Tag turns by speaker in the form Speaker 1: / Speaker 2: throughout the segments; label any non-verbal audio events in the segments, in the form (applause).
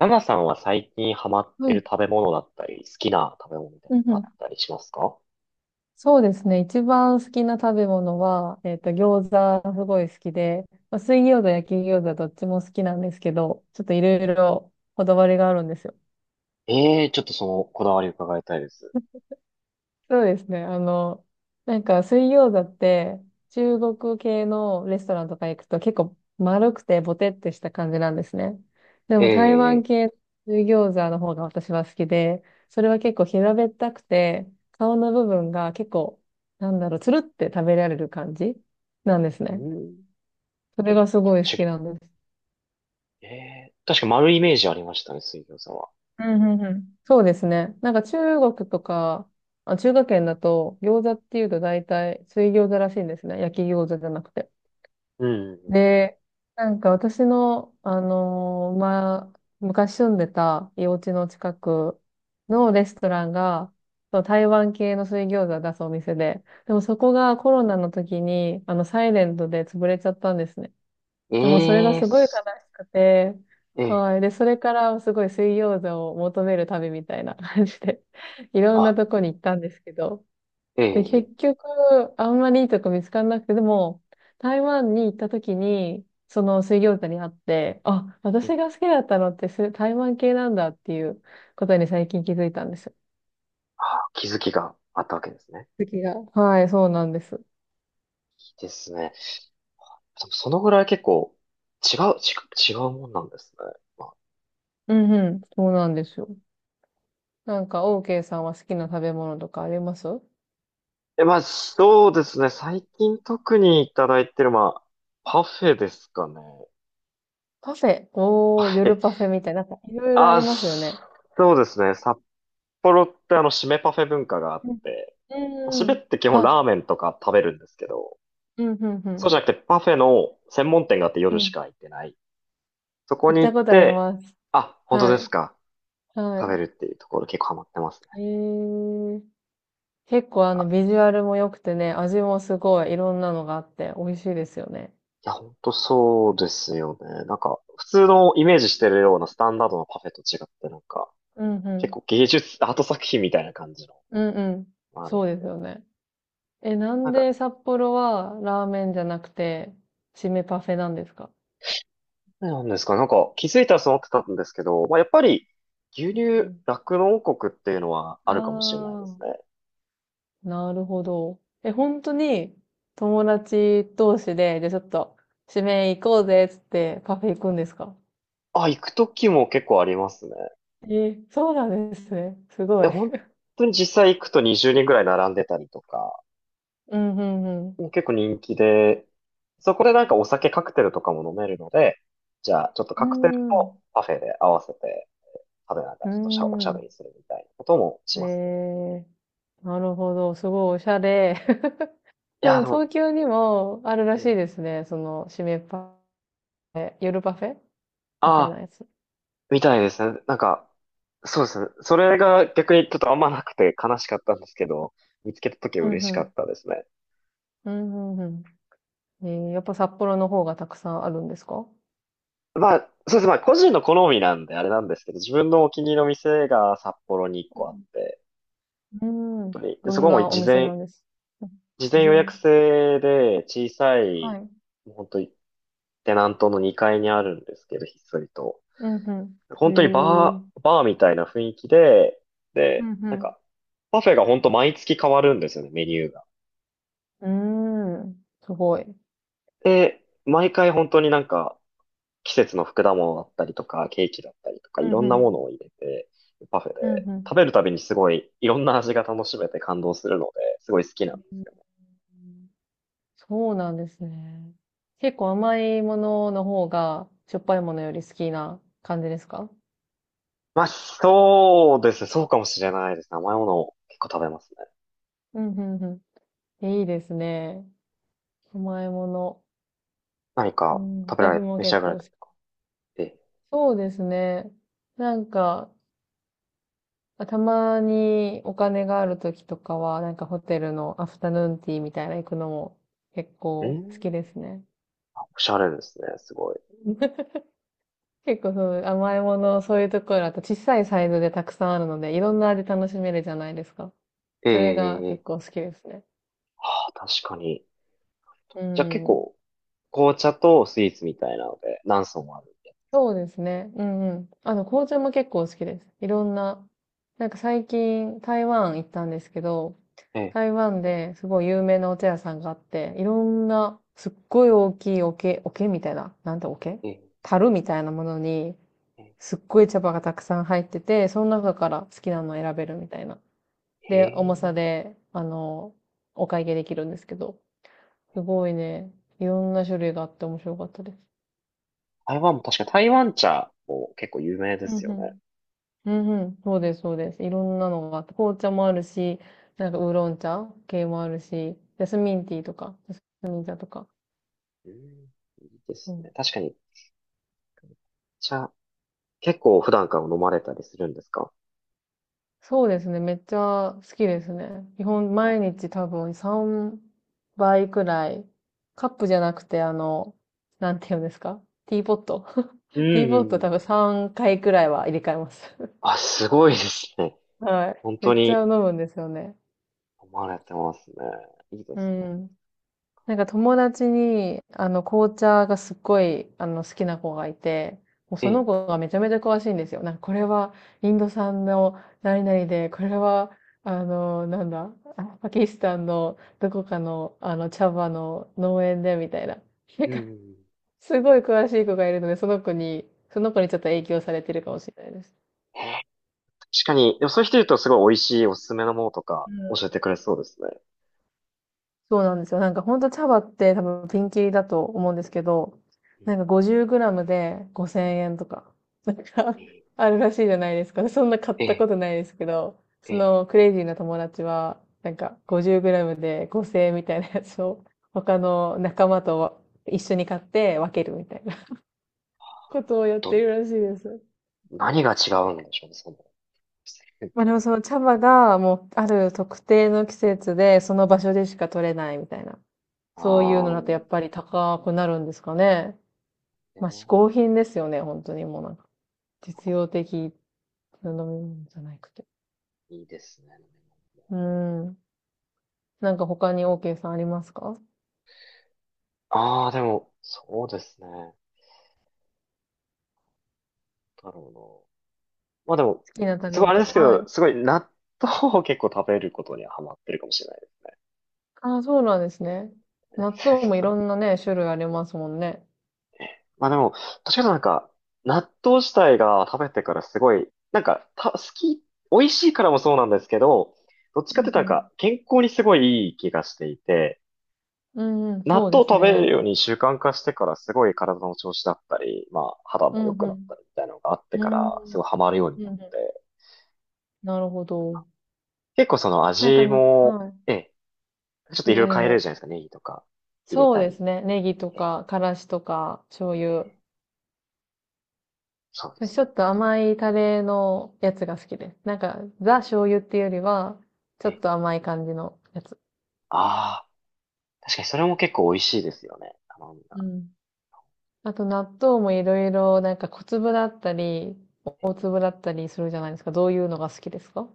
Speaker 1: ナナさんは最近ハマっ
Speaker 2: は
Speaker 1: て
Speaker 2: い。
Speaker 1: る食べ物だったり、好きな食べ物みたい
Speaker 2: うん
Speaker 1: なの
Speaker 2: う
Speaker 1: があっ
Speaker 2: ん。
Speaker 1: たりしますか？
Speaker 2: そうですね。一番好きな食べ物は、餃子すごい好きで、まあ、水餃子、焼き餃子どっちも好きなんですけど、ちょっといろいろこだわりがあるんですよ。
Speaker 1: ええー、ちょっとそのこだわり伺いたいです。
Speaker 2: そうですね。なんか水餃子って中国系のレストランとか行くと結構丸くてボテってした感じなんですね。でも台湾
Speaker 1: ええ
Speaker 2: 系の水餃子の方が私は好きで、それは結構平べったくて、顔の部分が結構、なんだろう、つるって食べられる感じなんです
Speaker 1: ー、う
Speaker 2: ね。
Speaker 1: ん、
Speaker 2: それがすごい好
Speaker 1: ち、
Speaker 2: きなんです。
Speaker 1: ええー、確か丸いイメージありましたね、水餃子は。
Speaker 2: うんうんうん。そうですね。なんか中国とか、あ、中華圏だと餃子っていうと大体水餃子らしいんですね。焼き餃子じゃなくて。
Speaker 1: うん、うん、
Speaker 2: で、なんか私の、まあ、昔住んでたお家の近くのレストランが、そう台湾系の水餃子を出すお店で、でもそこがコロナの時に、サイレントで潰れちゃったんですね。
Speaker 1: うん。
Speaker 2: でもそれが
Speaker 1: ええー、
Speaker 2: すごい悲し
Speaker 1: す、
Speaker 2: くて、
Speaker 1: ええ
Speaker 2: は
Speaker 1: ー、
Speaker 2: い。で、それからすごい水餃子を求める旅みたいな感じで、(laughs) いろんな
Speaker 1: あ、
Speaker 2: とこに行ったんですけど、で、
Speaker 1: ええ
Speaker 2: 結局、あんまりいいとこ見つからなくて、でも、台湾に行った時に、その水餃子に会って、あ、
Speaker 1: ー、う
Speaker 2: 私
Speaker 1: ん、
Speaker 2: が好きだったのってす台湾系なんだっていうことに最近気づいたんですよ。
Speaker 1: あ、気づきがあったわけですね。
Speaker 2: 次が。はい、そうなんです。
Speaker 1: いいですね。でもそのぐらい結構違うもんなんですね。
Speaker 2: うんうん、そうなんですよ。なんか、OK さんは好きな食べ物とかあります？
Speaker 1: まあ、そうですね。最近特にいただいてる、まあ、パフェですかね。
Speaker 2: パフェ。
Speaker 1: パ
Speaker 2: おー、
Speaker 1: フェ。
Speaker 2: 夜パフェみたいな、なんかいろいろあり
Speaker 1: あ、
Speaker 2: ますよね。
Speaker 1: そうですね。札幌って締めパフェ文化があっ
Speaker 2: うん
Speaker 1: て、
Speaker 2: うん
Speaker 1: 締
Speaker 2: う
Speaker 1: め
Speaker 2: ん。
Speaker 1: って基本
Speaker 2: あ、
Speaker 1: ラーメンとか食べるんですけど、
Speaker 2: うんうんう
Speaker 1: そうじ
Speaker 2: ん。
Speaker 1: ゃなくてパフェの専門店があって
Speaker 2: う
Speaker 1: 夜し
Speaker 2: ん。
Speaker 1: か開いてない。そこ
Speaker 2: 行っ
Speaker 1: に
Speaker 2: た
Speaker 1: 行っ
Speaker 2: ことあり
Speaker 1: て、
Speaker 2: ます。
Speaker 1: あ、本当
Speaker 2: は
Speaker 1: です
Speaker 2: い。
Speaker 1: か？
Speaker 2: は
Speaker 1: 食べ
Speaker 2: い。
Speaker 1: るっていうところ結構ハマってますね。
Speaker 2: へえ。結構あの
Speaker 1: あ、
Speaker 2: ビジュアルも良くてね、味もすごいいろんなのがあって美味しいですよね。
Speaker 1: いや、本当そうですよね。普通のイメージしてるようなスタンダードなパフェと違って、なんか、
Speaker 2: うんう
Speaker 1: 結
Speaker 2: ん。
Speaker 1: 構芸術、アート作品みたいな感じの、
Speaker 2: うんうん。
Speaker 1: あれ
Speaker 2: そう
Speaker 1: み
Speaker 2: で
Speaker 1: たい
Speaker 2: す
Speaker 1: な。
Speaker 2: よね。え、な
Speaker 1: な
Speaker 2: ん
Speaker 1: んか、
Speaker 2: で札幌はラーメンじゃなくて、締めパフェなんですか？
Speaker 1: なんですか、なんか気づいたらそう思ってたんですけど、まあ、やっぱり牛乳、酪農王国っていうのはあるかもしれないです
Speaker 2: ああ
Speaker 1: ね。
Speaker 2: ー、なるほど。え、本当に友達同士で、じゃあちょっと締め行こうぜっつってパフェ行くんですか？
Speaker 1: あ、行くときも結構ありますね。
Speaker 2: え、そうなんですね。すご
Speaker 1: で、
Speaker 2: い。
Speaker 1: 本
Speaker 2: (laughs)
Speaker 1: 当に実際行くと20人ぐらい並んでたりとか、
Speaker 2: うんうんうん。
Speaker 1: もう結構人気で、そこでなんかお酒カクテルとかも飲めるので、じゃあちょっとカクテルとパフェで合わせて食べながら
Speaker 2: う
Speaker 1: ちょっとしゃおしゃ
Speaker 2: ん。う
Speaker 1: べ
Speaker 2: ん。
Speaker 1: りするみたいなこともし
Speaker 2: え
Speaker 1: ますね。
Speaker 2: え、なるほど。すごいおしゃれ。(laughs)
Speaker 1: い
Speaker 2: で
Speaker 1: や、
Speaker 2: も
Speaker 1: でも、
Speaker 2: 東京にもあるらしい
Speaker 1: ええ、
Speaker 2: ですね。その、締めパフェ、夜パフェみ
Speaker 1: あ
Speaker 2: たいな
Speaker 1: あ、
Speaker 2: やつ。
Speaker 1: みたいですね。なんか、そうですね。それが逆にちょっとあんまなくて悲しかったんですけど、見つけた時は
Speaker 2: うん
Speaker 1: 嬉
Speaker 2: う
Speaker 1: しかっ
Speaker 2: ん。
Speaker 1: たですね。
Speaker 2: うんうんうん。やっぱ札幌の方がたくさんあるんですか？
Speaker 1: まあ、そうですね。まあ、個人の好みなんであれなんですけど、自分のお気に入りの店が札幌に1個あっ
Speaker 2: う
Speaker 1: て、本
Speaker 2: ん。うん。
Speaker 1: 当に。で、
Speaker 2: ど
Speaker 1: そ
Speaker 2: ん
Speaker 1: こも
Speaker 2: なお
Speaker 1: 事
Speaker 2: 店な
Speaker 1: 前、
Speaker 2: んです？うん。
Speaker 1: 事前予約
Speaker 2: 全。
Speaker 1: 制で小さ
Speaker 2: は
Speaker 1: い、
Speaker 2: い。
Speaker 1: もう本当にテナントの2階にあるんですけど、ひっそりと。
Speaker 2: うんうん。
Speaker 1: 本当に
Speaker 2: へ
Speaker 1: バ
Speaker 2: え。
Speaker 1: ー、バーみたいな雰囲気で、
Speaker 2: う
Speaker 1: なん
Speaker 2: ん
Speaker 1: か、パフェが本当毎月変わるんですよね、メニューが。
Speaker 2: うん。うーん。すごい。
Speaker 1: で、毎回本当になんか、季節の果物だったりとか、ケーキだったりとか、
Speaker 2: う
Speaker 1: いろ
Speaker 2: んう
Speaker 1: んなも
Speaker 2: ん。
Speaker 1: のを入れて、パフェで、
Speaker 2: うんうん。
Speaker 1: 食べるたびにすごい、いろんな味が楽しめて感動するので、すごい好きなんです。
Speaker 2: そうなんですね。結構甘いものの方が、しょっぱいものより好きな感じですか？
Speaker 1: まあ、そうですね。そうかもしれないです。ね、甘いものを結構食べますね。
Speaker 2: うん、うん、うん。いいですね。甘いもの。
Speaker 1: 何
Speaker 2: う
Speaker 1: か
Speaker 2: ん、
Speaker 1: 食べら
Speaker 2: 私
Speaker 1: れ、
Speaker 2: も
Speaker 1: 召し
Speaker 2: 結
Speaker 1: 上がら
Speaker 2: 構好
Speaker 1: れ
Speaker 2: き。
Speaker 1: て。
Speaker 2: そうですね。なんか、たまにお金がある時とかは、なんかホテルのアフタヌーンティーみたいな行くのも結
Speaker 1: え、う
Speaker 2: 構好き
Speaker 1: ん、
Speaker 2: ですね。
Speaker 1: おしゃれですね。すごい。
Speaker 2: (laughs) 結構その甘いもの、そういうところだと小さいサイズでたくさんあるので、いろんな味楽しめるじゃないですか。それが
Speaker 1: え
Speaker 2: 結
Speaker 1: え、
Speaker 2: 構好きですね。
Speaker 1: はあ、確かに。
Speaker 2: う
Speaker 1: じゃあ結
Speaker 2: ん。
Speaker 1: 構、紅茶とスイーツみたいなので、何層もあるんで。
Speaker 2: そうですね。うんうん。紅茶も結構好きです。いろんな、なんか最近台湾行ったんですけど、
Speaker 1: ええ、
Speaker 2: 台湾ですごい有名なお茶屋さんがあって、いろんなすっごい大きい桶、桶みたいな、なんて桶
Speaker 1: ええ、
Speaker 2: 樽みたいなものに、
Speaker 1: え
Speaker 2: すっごい茶葉がたくさん入ってて、その中から好きなのを選べるみたいな。
Speaker 1: え、
Speaker 2: で、
Speaker 1: へ
Speaker 2: 重さ
Speaker 1: え、
Speaker 2: で、お会計できるんですけど、すごいね、いろんな種類があって面白かったです。
Speaker 1: 台湾も確か台湾茶も結構有名で
Speaker 2: うん
Speaker 1: すよ
Speaker 2: う
Speaker 1: ね。
Speaker 2: ん。うんうん。そうです、そうです。いろんなのがあって、紅茶もあるし、なんかウーロン茶系もあるし、ジャスミンティーとか、ジャスミン茶とか。
Speaker 1: うん、いいで
Speaker 2: そ
Speaker 1: すね。
Speaker 2: う。
Speaker 1: 確かに茶、結構普段から飲まれたりするんですか？
Speaker 2: そうですね、めっちゃ好きですね。基本毎
Speaker 1: あ、
Speaker 2: 日多分3倍くらい、カップじゃなくてなんていうんですか？ティーポット。
Speaker 1: う
Speaker 2: (laughs) ティーポット多
Speaker 1: ん。
Speaker 2: 分3回くらいは入れ替えます。
Speaker 1: あ、すごいですね。
Speaker 2: はい。
Speaker 1: 本
Speaker 2: め
Speaker 1: 当
Speaker 2: っちゃ飲
Speaker 1: に
Speaker 2: むんですよね。
Speaker 1: 飲まれてますね。いいで
Speaker 2: う
Speaker 1: すね。
Speaker 2: ん。なんか友達に、紅茶がすっごい、好きな子がいて、もう
Speaker 1: え
Speaker 2: そ
Speaker 1: え、
Speaker 2: の子がめちゃめちゃ詳しいんですよ。なんかこれはインド産の何々で、これは、あの、なんだ、あパキスタンのどこかの、茶葉の農園で、みたいな。なん
Speaker 1: う
Speaker 2: か、
Speaker 1: ん。
Speaker 2: すごい詳しい子がいるので、その子にちょっと影響されてるかもしれないです。
Speaker 1: へえ、確かに、でもそういう人いるとすごい美味しいおすすめのものとか教えてくれそうですね。
Speaker 2: そうなんですよ。なんかほんと茶葉って多分ピンキリだと思うんですけど、
Speaker 1: う
Speaker 2: な
Speaker 1: ん、
Speaker 2: んか50グラムで5000円とか、なん
Speaker 1: え
Speaker 2: か
Speaker 1: え、
Speaker 2: (laughs) あるらしいじゃないですか。そんな買っ
Speaker 1: え
Speaker 2: たこ
Speaker 1: え、
Speaker 2: とないですけど、
Speaker 1: え
Speaker 2: そ
Speaker 1: え、
Speaker 2: のクレイジーな友達は、なんか50グラムで5000円みたいなやつを他の仲間と一緒に買って分けるみたいな (laughs) ことをやって
Speaker 1: と、
Speaker 2: るらしいです。
Speaker 1: 何が違うんでしょうね、その、っ
Speaker 2: まあで
Speaker 1: て。
Speaker 2: もその茶葉がもうある特定の季節でその場所でしか取れないみたいな、そういう
Speaker 1: ああ、
Speaker 2: のだとやっぱり高くなるんですかね。
Speaker 1: え
Speaker 2: まあ、嗜好
Speaker 1: え、
Speaker 2: 品ですよね、本当にもうなんか。実用的な飲み物じゃなくて。
Speaker 1: いいですね。
Speaker 2: うーん。なんか他に OK さんありますか？好
Speaker 1: ああ、でも、そうですね。なんだろうな。まあでも、
Speaker 2: きな食
Speaker 1: す
Speaker 2: べ
Speaker 1: ごいあ
Speaker 2: 物。
Speaker 1: れですけ
Speaker 2: は
Speaker 1: ど、
Speaker 2: い。
Speaker 1: すごい納豆を結構食べることにはハマってるかもしれない
Speaker 2: ああ、そうなんですね。
Speaker 1: ね。
Speaker 2: 納豆もいろ
Speaker 1: (laughs)
Speaker 2: んなね、種類ありますもんね。
Speaker 1: まあでも、確かになんか、納豆自体が食べてからすごい、なんか、た、好き、美味しいからもそうなんですけど、どっち
Speaker 2: う
Speaker 1: かっていうとなんか、
Speaker 2: ん
Speaker 1: 健康にすごいいい気がしていて、
Speaker 2: うん。うんうん、
Speaker 1: 納
Speaker 2: そうで
Speaker 1: 豆を
Speaker 2: す
Speaker 1: 食べる
Speaker 2: ね。
Speaker 1: ように習慣化してからすごい体の調子だったり、まあ肌
Speaker 2: う
Speaker 1: も
Speaker 2: ん
Speaker 1: 良くな
Speaker 2: う
Speaker 1: った
Speaker 2: ん。
Speaker 1: りみたいなのがあっ
Speaker 2: う
Speaker 1: て
Speaker 2: ー
Speaker 1: か
Speaker 2: ん。
Speaker 1: ら、すごいハ
Speaker 2: う
Speaker 1: マるように
Speaker 2: ん
Speaker 1: な
Speaker 2: う
Speaker 1: っ
Speaker 2: ん。
Speaker 1: て。
Speaker 2: なるほど。
Speaker 1: 結構その
Speaker 2: なんか
Speaker 1: 味
Speaker 2: な、
Speaker 1: も、
Speaker 2: は
Speaker 1: ええ、ちょっ
Speaker 2: い。
Speaker 1: と
Speaker 2: い
Speaker 1: い
Speaker 2: ず
Speaker 1: ろいろ
Speaker 2: れ
Speaker 1: 変えれるじ
Speaker 2: も。
Speaker 1: ゃないですか。ネギとか入れ
Speaker 2: そう
Speaker 1: た
Speaker 2: で
Speaker 1: り。
Speaker 2: すね。ネギと
Speaker 1: ええ、
Speaker 2: か、からしとか、醤油。
Speaker 1: そうです
Speaker 2: ちょ
Speaker 1: ね。
Speaker 2: っと甘いタレのやつが好きです。なんか、ザ醤油っていうよりは、ちょ
Speaker 1: え
Speaker 2: っ
Speaker 1: え、
Speaker 2: と甘い感じのやつ。
Speaker 1: ああ、確かにそれも結構美味しいですよね。あの、
Speaker 2: うん。あと納豆もいろいろ、なんか小粒だったり、大粒だったりするじゃないですか。どういうのが好きですか？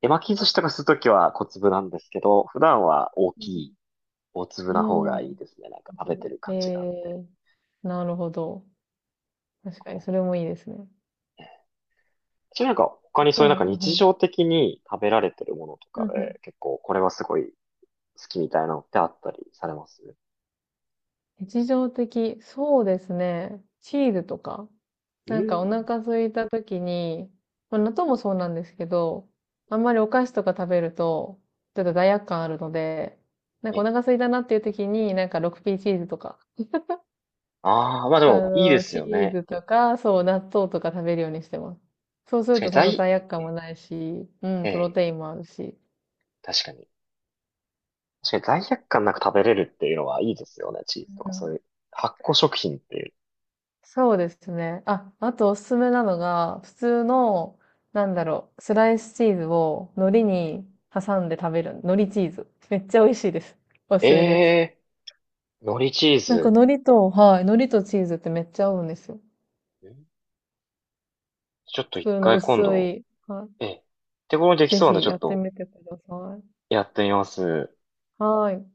Speaker 1: 手巻き寿司とかするときは小粒なんですけど、普段は大
Speaker 2: う
Speaker 1: きい、
Speaker 2: ん
Speaker 1: 大粒な方が
Speaker 2: う
Speaker 1: いい
Speaker 2: ん。
Speaker 1: ですね。なんか
Speaker 2: 大
Speaker 1: 食べて
Speaker 2: 粒。
Speaker 1: る感じがあって。
Speaker 2: なるほど。確か
Speaker 1: こ
Speaker 2: に、
Speaker 1: う、
Speaker 2: それもいいですね。
Speaker 1: ええ、ちなみになんか他に
Speaker 2: う
Speaker 1: そういうなん
Speaker 2: ん、
Speaker 1: か
Speaker 2: うん、う
Speaker 1: 日
Speaker 2: ん。
Speaker 1: 常的に食べられてるものと
Speaker 2: うん
Speaker 1: か
Speaker 2: うん。
Speaker 1: で、結構これはすごい好きみたいなのってあったりされます？
Speaker 2: 日常的、そうですね。チーズとか。
Speaker 1: う
Speaker 2: なんかお
Speaker 1: ん。
Speaker 2: 腹空いた時に、まあ、納豆もそうなんですけど、あんまりお菓子とか食べると、ちょっと罪悪感あるので、なんかお
Speaker 1: え、
Speaker 2: 腹空いたなっていう時に、なんか 6P チーズとか、
Speaker 1: ああ、まあでもいいです
Speaker 2: チ
Speaker 1: よ
Speaker 2: ー
Speaker 1: ね。
Speaker 2: ズとか、そう、納豆とか食べるようにしてます。そうす
Speaker 1: 確
Speaker 2: る
Speaker 1: かに
Speaker 2: とそんな
Speaker 1: 在、
Speaker 2: 罪悪感もないし、うん、
Speaker 1: え
Speaker 2: プロ
Speaker 1: え、
Speaker 2: テインもあるし。
Speaker 1: 確かに。確かに罪悪感なく食べれるっていうのはいいですよね。チーズと
Speaker 2: う
Speaker 1: かそうい
Speaker 2: ん。
Speaker 1: う発酵食品っていう。
Speaker 2: そうですね。あ、あとおすすめなのが、普通の、なんだろう、スライスチーズを海苔に挟んで食べる、海苔チーズ。めっちゃ美味しいです。お
Speaker 1: え
Speaker 2: すすめです。
Speaker 1: え、海苔チー
Speaker 2: なんか
Speaker 1: ズ。
Speaker 2: 海苔と、はい、海苔とチーズってめっちゃ合うんですよ。
Speaker 1: ん、ちょっ
Speaker 2: 普
Speaker 1: と一
Speaker 2: 通の
Speaker 1: 回
Speaker 2: 薄
Speaker 1: 今度、
Speaker 2: い。はい。
Speaker 1: ええ、手頃にでき
Speaker 2: ぜ
Speaker 1: そうなんで
Speaker 2: ひ
Speaker 1: ちょ
Speaker 2: や
Speaker 1: っ
Speaker 2: って
Speaker 1: と
Speaker 2: みてください。
Speaker 1: やってみます。
Speaker 2: はい。